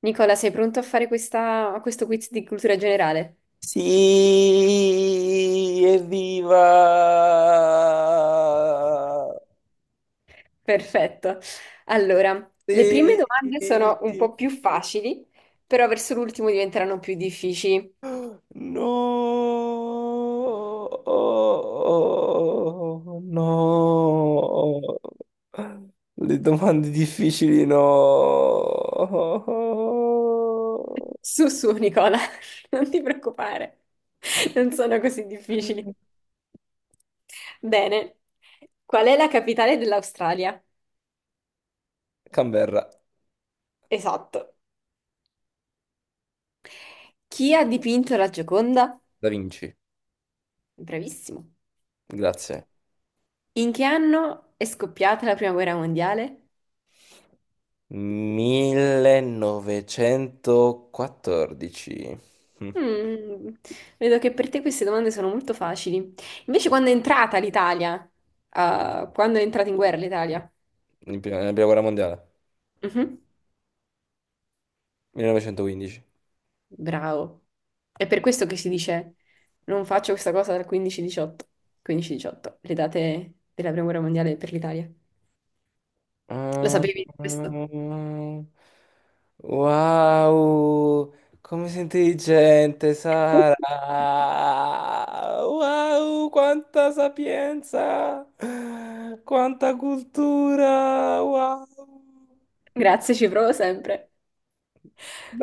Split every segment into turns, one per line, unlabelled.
Nicola, sei pronto a fare questo quiz di cultura generale?
Sì, evviva!
Perfetto. Allora, le prime
Sì,
domande sono un po' più facili, però verso l'ultimo diventeranno più difficili.
no, no, le domande difficili, no.
Su, su, Nicola, non ti preoccupare, non sono così difficili. Bene, qual è la capitale dell'Australia?
Canberra.
Esatto. Chi ha dipinto la Gioconda?
Da Vinci.
Bravissimo.
Grazie.
In che anno è scoppiata la Prima Guerra Mondiale?
1914. Mm,
Mm, vedo che per te queste domande sono molto facili. Invece, quando è entrata l'Italia? Ah, quando è entrata in guerra l'Italia?
nella prima guerra mondiale.
Mhm.
1915.
Bravo. È per questo che si dice non faccio questa cosa dal 15-18. 15-18, le date della Prima Guerra Mondiale per l'Italia. Lo
Ah,
sapevi questo?
ah, wow, come sei intelligente, Sara! Wow, quanta sapienza! Quanta cultura! Wow!
Grazie, ci provo sempre.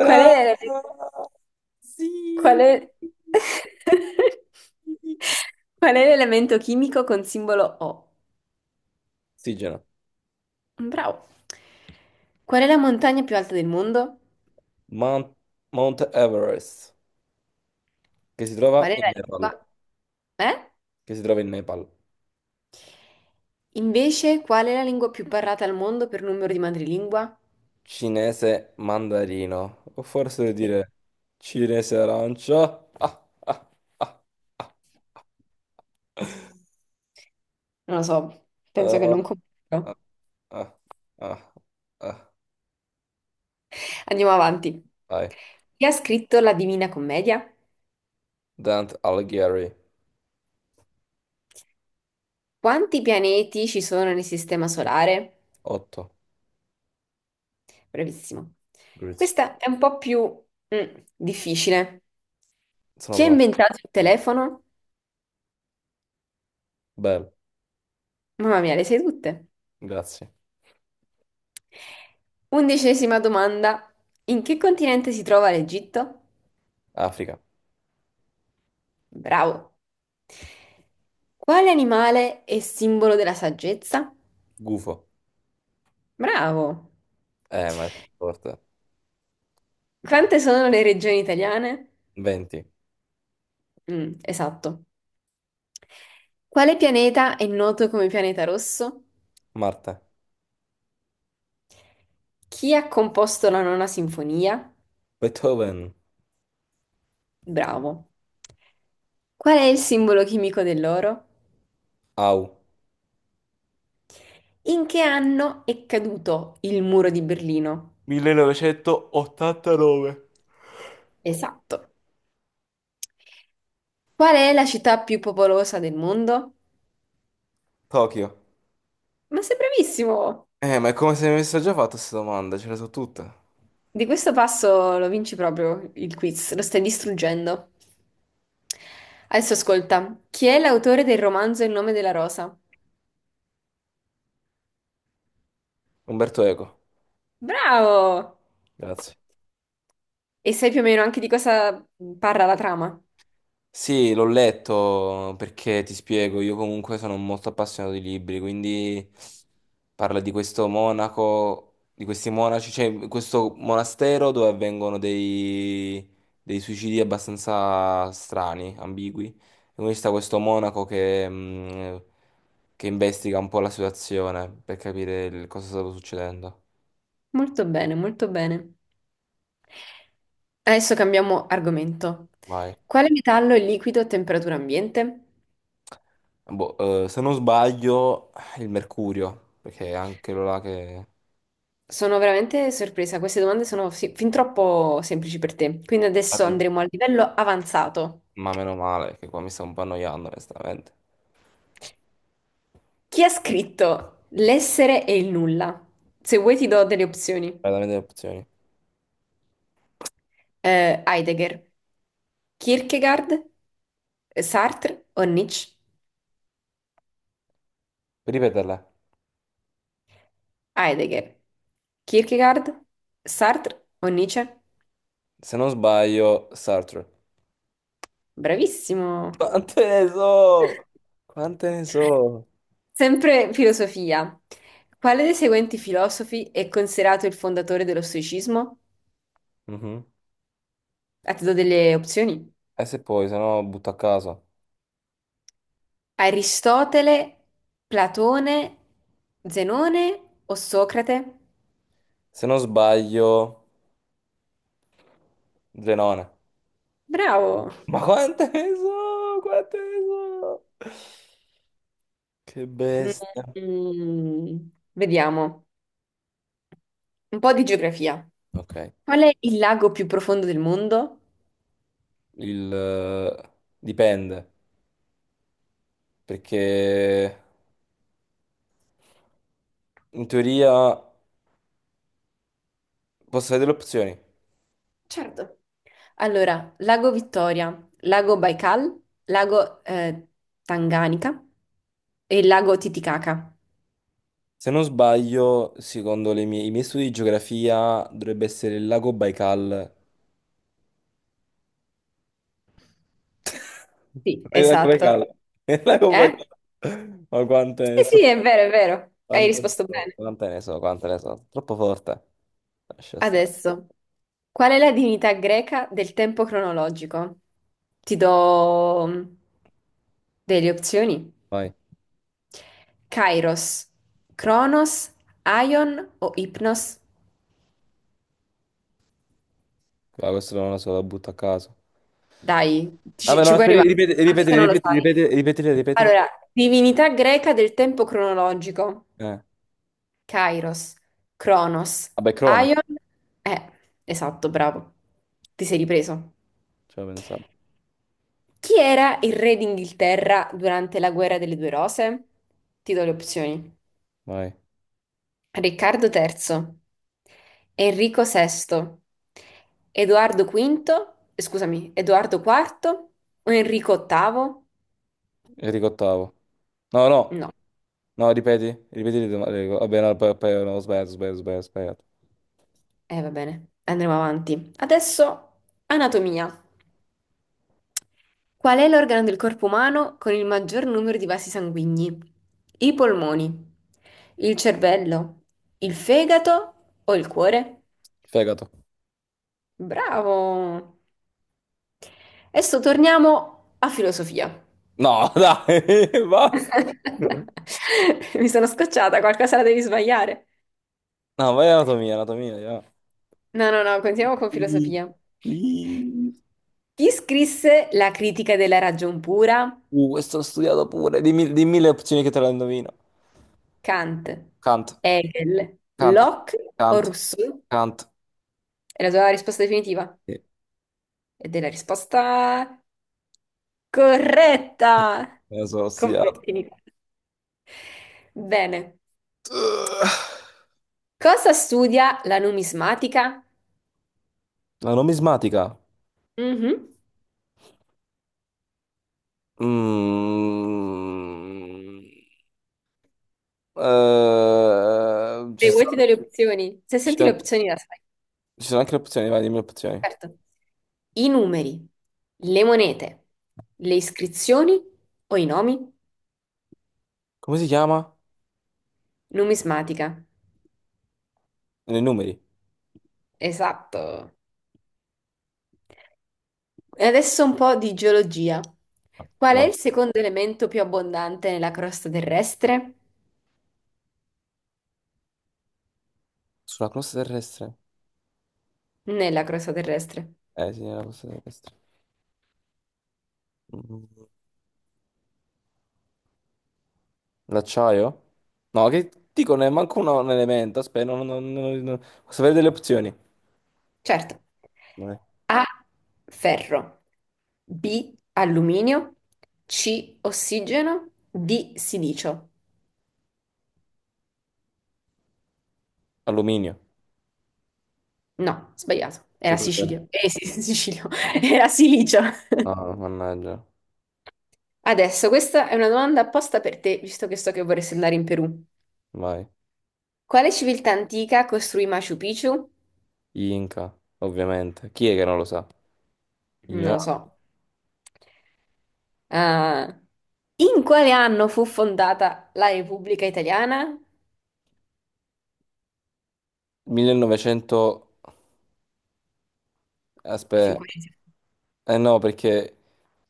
Qual è, qual
Sì!
è... Qual è l'elemento chimico con simbolo O?
Ossigeno.
Bravo. Qual è la montagna più alta del mondo?
Mount, Mount Everest, che si trova
Qual è
in
la
Nepal,
lingua? Eh?
che si trova in Nepal.
Invece, qual è la lingua più parlata al mondo per numero di madrelingua?
Cinese mandarino, o forse devo
Eh,
dire Cinese arancia. Ah, ah, ah.
Non lo so, penso che
Ah,
non comprendo.
ah, ah, ah, ah.
Andiamo avanti.
Vai.
Chi ha scritto la Divina Commedia?
Dante Alighieri.
Quanti pianeti ci sono nel Sistema Solare?
otto.
Bravissimo.
Grazie.
Questa è un po' più difficile.
Sono
Chi ha
pronto.
inventato il telefono?
Bello.
Mamma mia, le sai tutte.
Grazie.
Undicesima domanda. In che continente si trova l'Egitto?
Africa.
Bravo. Quale animale è simbolo della saggezza?
Gufo.
Bravo.
Ma è forte.
Quante sono le regioni italiane?
20.
Mm, esatto. Quale pianeta è noto come pianeta rosso?
Marte.
Chi ha composto la nona sinfonia?
Beethoven.
Bravo. Qual è il simbolo chimico dell'oro?
Au.
In che anno è caduto il muro di Berlino?
1989.
Esatto. Qual è la città più popolosa del mondo?
Tokyo.
Ma sei bravissimo!
Ma è come se mi avesse già fatto queste domande, ce le so tutte.
Di questo passo lo vinci proprio il quiz, lo stai distruggendo. Adesso ascolta, chi è l'autore del romanzo Il nome della rosa?
Umberto Eco.
Bravo!
Grazie.
E sai più o meno anche di cosa parla la trama?
Sì, l'ho letto, perché ti spiego, io comunque sono molto appassionato di libri, quindi parla di questo monaco, di questi monaci, cioè questo monastero dove avvengono dei suicidi abbastanza strani, ambigui. E quindi sta questo monaco che investiga un po' la situazione per capire cosa stava succedendo.
Molto bene, molto bene. Adesso cambiamo argomento.
Vai.
Quale metallo è liquido a temperatura ambiente?
Boh, se non sbaglio, il mercurio, perché è anche quello là che.
Sono veramente sorpresa, queste domande sono fin troppo semplici per te. Quindi adesso andremo al livello avanzato.
Ma meno male, che qua mi sto un po' annoiando, onestamente.
Chi ha scritto L'essere e il nulla? Se vuoi ti do delle opzioni.
Veramente le opzioni.
Heidegger, Kierkegaard, Sartre o Nietzsche?
Puoi ripeterla.
Heidegger, Kierkegaard, Sartre o Nietzsche?
Se non sbaglio, Sartre.
Bravissimo!
Quante ne so? Quante ne so?
Sempre filosofia. Quale dei seguenti filosofi è considerato il fondatore dello stoicismo?
Mhm.
Ah, ti do delle opzioni.
E se poi, se no, butto a caso.
Aristotele, Platone, Zenone o Socrate?
Se non sbaglio, Zenone.
Bravo.
Ma quante ne so? Quante ne so? Che bestia.
Mm, vediamo. Un po' di geografia.
Ok.
Qual è il lago più profondo del mondo?
Il... eh, Dipende. Perché in teoria posso vedere le opzioni.
Certo. Allora, Lago Vittoria, Lago Baikal, Lago Tanganica e Lago Titicaca.
Se non sbaglio, secondo i miei studi di geografia, dovrebbe essere il lago Baikal. Non
Sì,
è il lago
esatto.
Baikal, è il lago
Eh?
Baikal. Ma quante ne
Sì,
so,
sì, è vero, è vero. Hai
quante ne
risposto
so,
bene.
quante ne so, quante ne so. Troppo forte. Lascia stare.
Adesso, qual è la divinità greca del tempo cronologico? Ti do delle opzioni.
Vai.
Kairos, Cronos, Aion o Ipnos?
Va, questo non lo so, lo butto a caso.
Dai, ci,
Vabbè, no,
ci puoi
aspetta,
arrivare,
ripeti,
anche
ripeti,
se non lo
ripeti,
sai.
ripeti, ripeti, ripeti.
Allora, divinità greca del tempo cronologico.
Eh.
Kairos, Cronos,
Vabbè, Crono,
Aion. Eh, esatto, bravo. Ti sei ripreso.
ce l'ho pensato.
Chi era il re d'Inghilterra durante la guerra delle due rose? Ti do le opzioni.
Vai.
Riccardo III, Enrico VI, Edoardo V, scusami, Edoardo IV o Enrico VIII?
Enrico ottavo. No,
No,
no, no, ripeti, ripeti, le domande. Vabbè, no, poi, poi, no, sbaglio, sbaglio, sbaglio, sbaglio.
va bene, andremo avanti. Adesso anatomia. Qual è l'organo del corpo umano con il maggior numero di vasi sanguigni? I polmoni, il cervello, il fegato o il cuore?
Fegato.
Bravo! Adesso torniamo a filosofia.
No, dai, basta.
Mi sono scocciata, qualcosa la devi sbagliare.
No, vai anatomia, anatomia, ja.
No, no, no, continuiamo con
Please.
filosofia. Chi scrisse la critica della ragion pura?
Questo l'ho studiato pure. Dimmi, dimmi le opzioni, che te la indovino.
Kant,
Kant,
Hegel,
Kant,
Locke o
Kant,
Rousseau?
Kant.
È la tua risposta definitiva?
Sì,
Ed è la risposta corretta!
me lo sono studiato.
Complimenti, Nicola. Bene. Cosa studia la numismatica?
La numismatica.
Mhm.
Mm. Eh, ci
Se vuoi ti
sono,
do le opzioni, se
ci
senti le
sono-
opzioni la sai,
ci sono anche le opzioni, vai, dimmi le opzioni.
certo. I numeri, le monete, le iscrizioni o i nomi?
Come si chiama?
Numismatica.
Nei numeri.
Esatto. E adesso un po' di geologia. Qual è
Vai.
il secondo elemento più abbondante nella crosta terrestre?
Sulla crosta terrestre.
Nella crosta terrestre,
Eh sì, era posta terrestre. Mm. L'acciaio? No, che dico, ne manco un elemento. Aspetta, non, non, non- non- posso avere delle opzioni?
certo.
Vai.
A. Ferro. B. Alluminio. C. Ossigeno. D. Silicio.
Alluminio.
No, sbagliato.
Che
Era
cos'è? No,
Sicilio. Eh sì, sì, Sicilio. Era Silicio.
no, mannaggia.
Adesso, questa è una domanda apposta per te, visto che so che vorresti andare in Perù.
Vai.
Quale civiltà antica costruì Machu Picchu?
Gli Inca, ovviamente. Chi è che non lo sa?
Non lo so.
Ignorante.
Ah, in quale anno fu fondata la Repubblica Italiana?
1900.
E fin
Aspetta.
qua inizia.
Eh no, perché.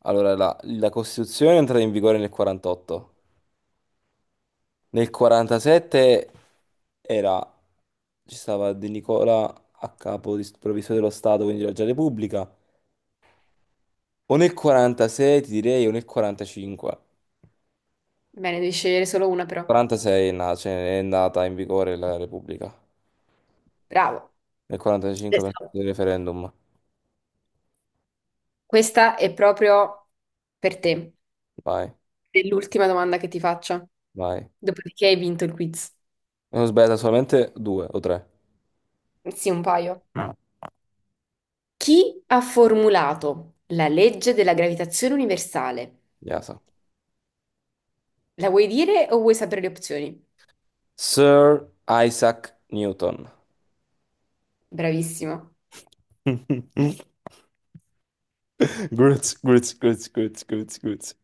Allora, la Costituzione è entrata in vigore nel 48. Nel 47 era, ci stava De Nicola a capo provvisorio dello Stato, quindi era già Repubblica. O nel 46 ti direi, o nel 45.
Bene, devi scegliere solo una però.
46 è nata, cioè, è nata in vigore la Repubblica.
Bravo.
Nel 45 penso
Adesso,
del referendum.
questa è proprio per te.
Vai,
È l'ultima domanda che ti faccio.
vai.
Dopodiché hai vinto il quiz.
Ne ho sbagliato solamente due o tre.
Sì, un paio.
Ah,
Chi ha formulato la legge della gravitazione universale?
Yasa.
La vuoi dire o vuoi sapere le opzioni?
Sir Isaac Newton.
Bravissima.
Gruz, gruz, gruz, gruz, gruz, gruz.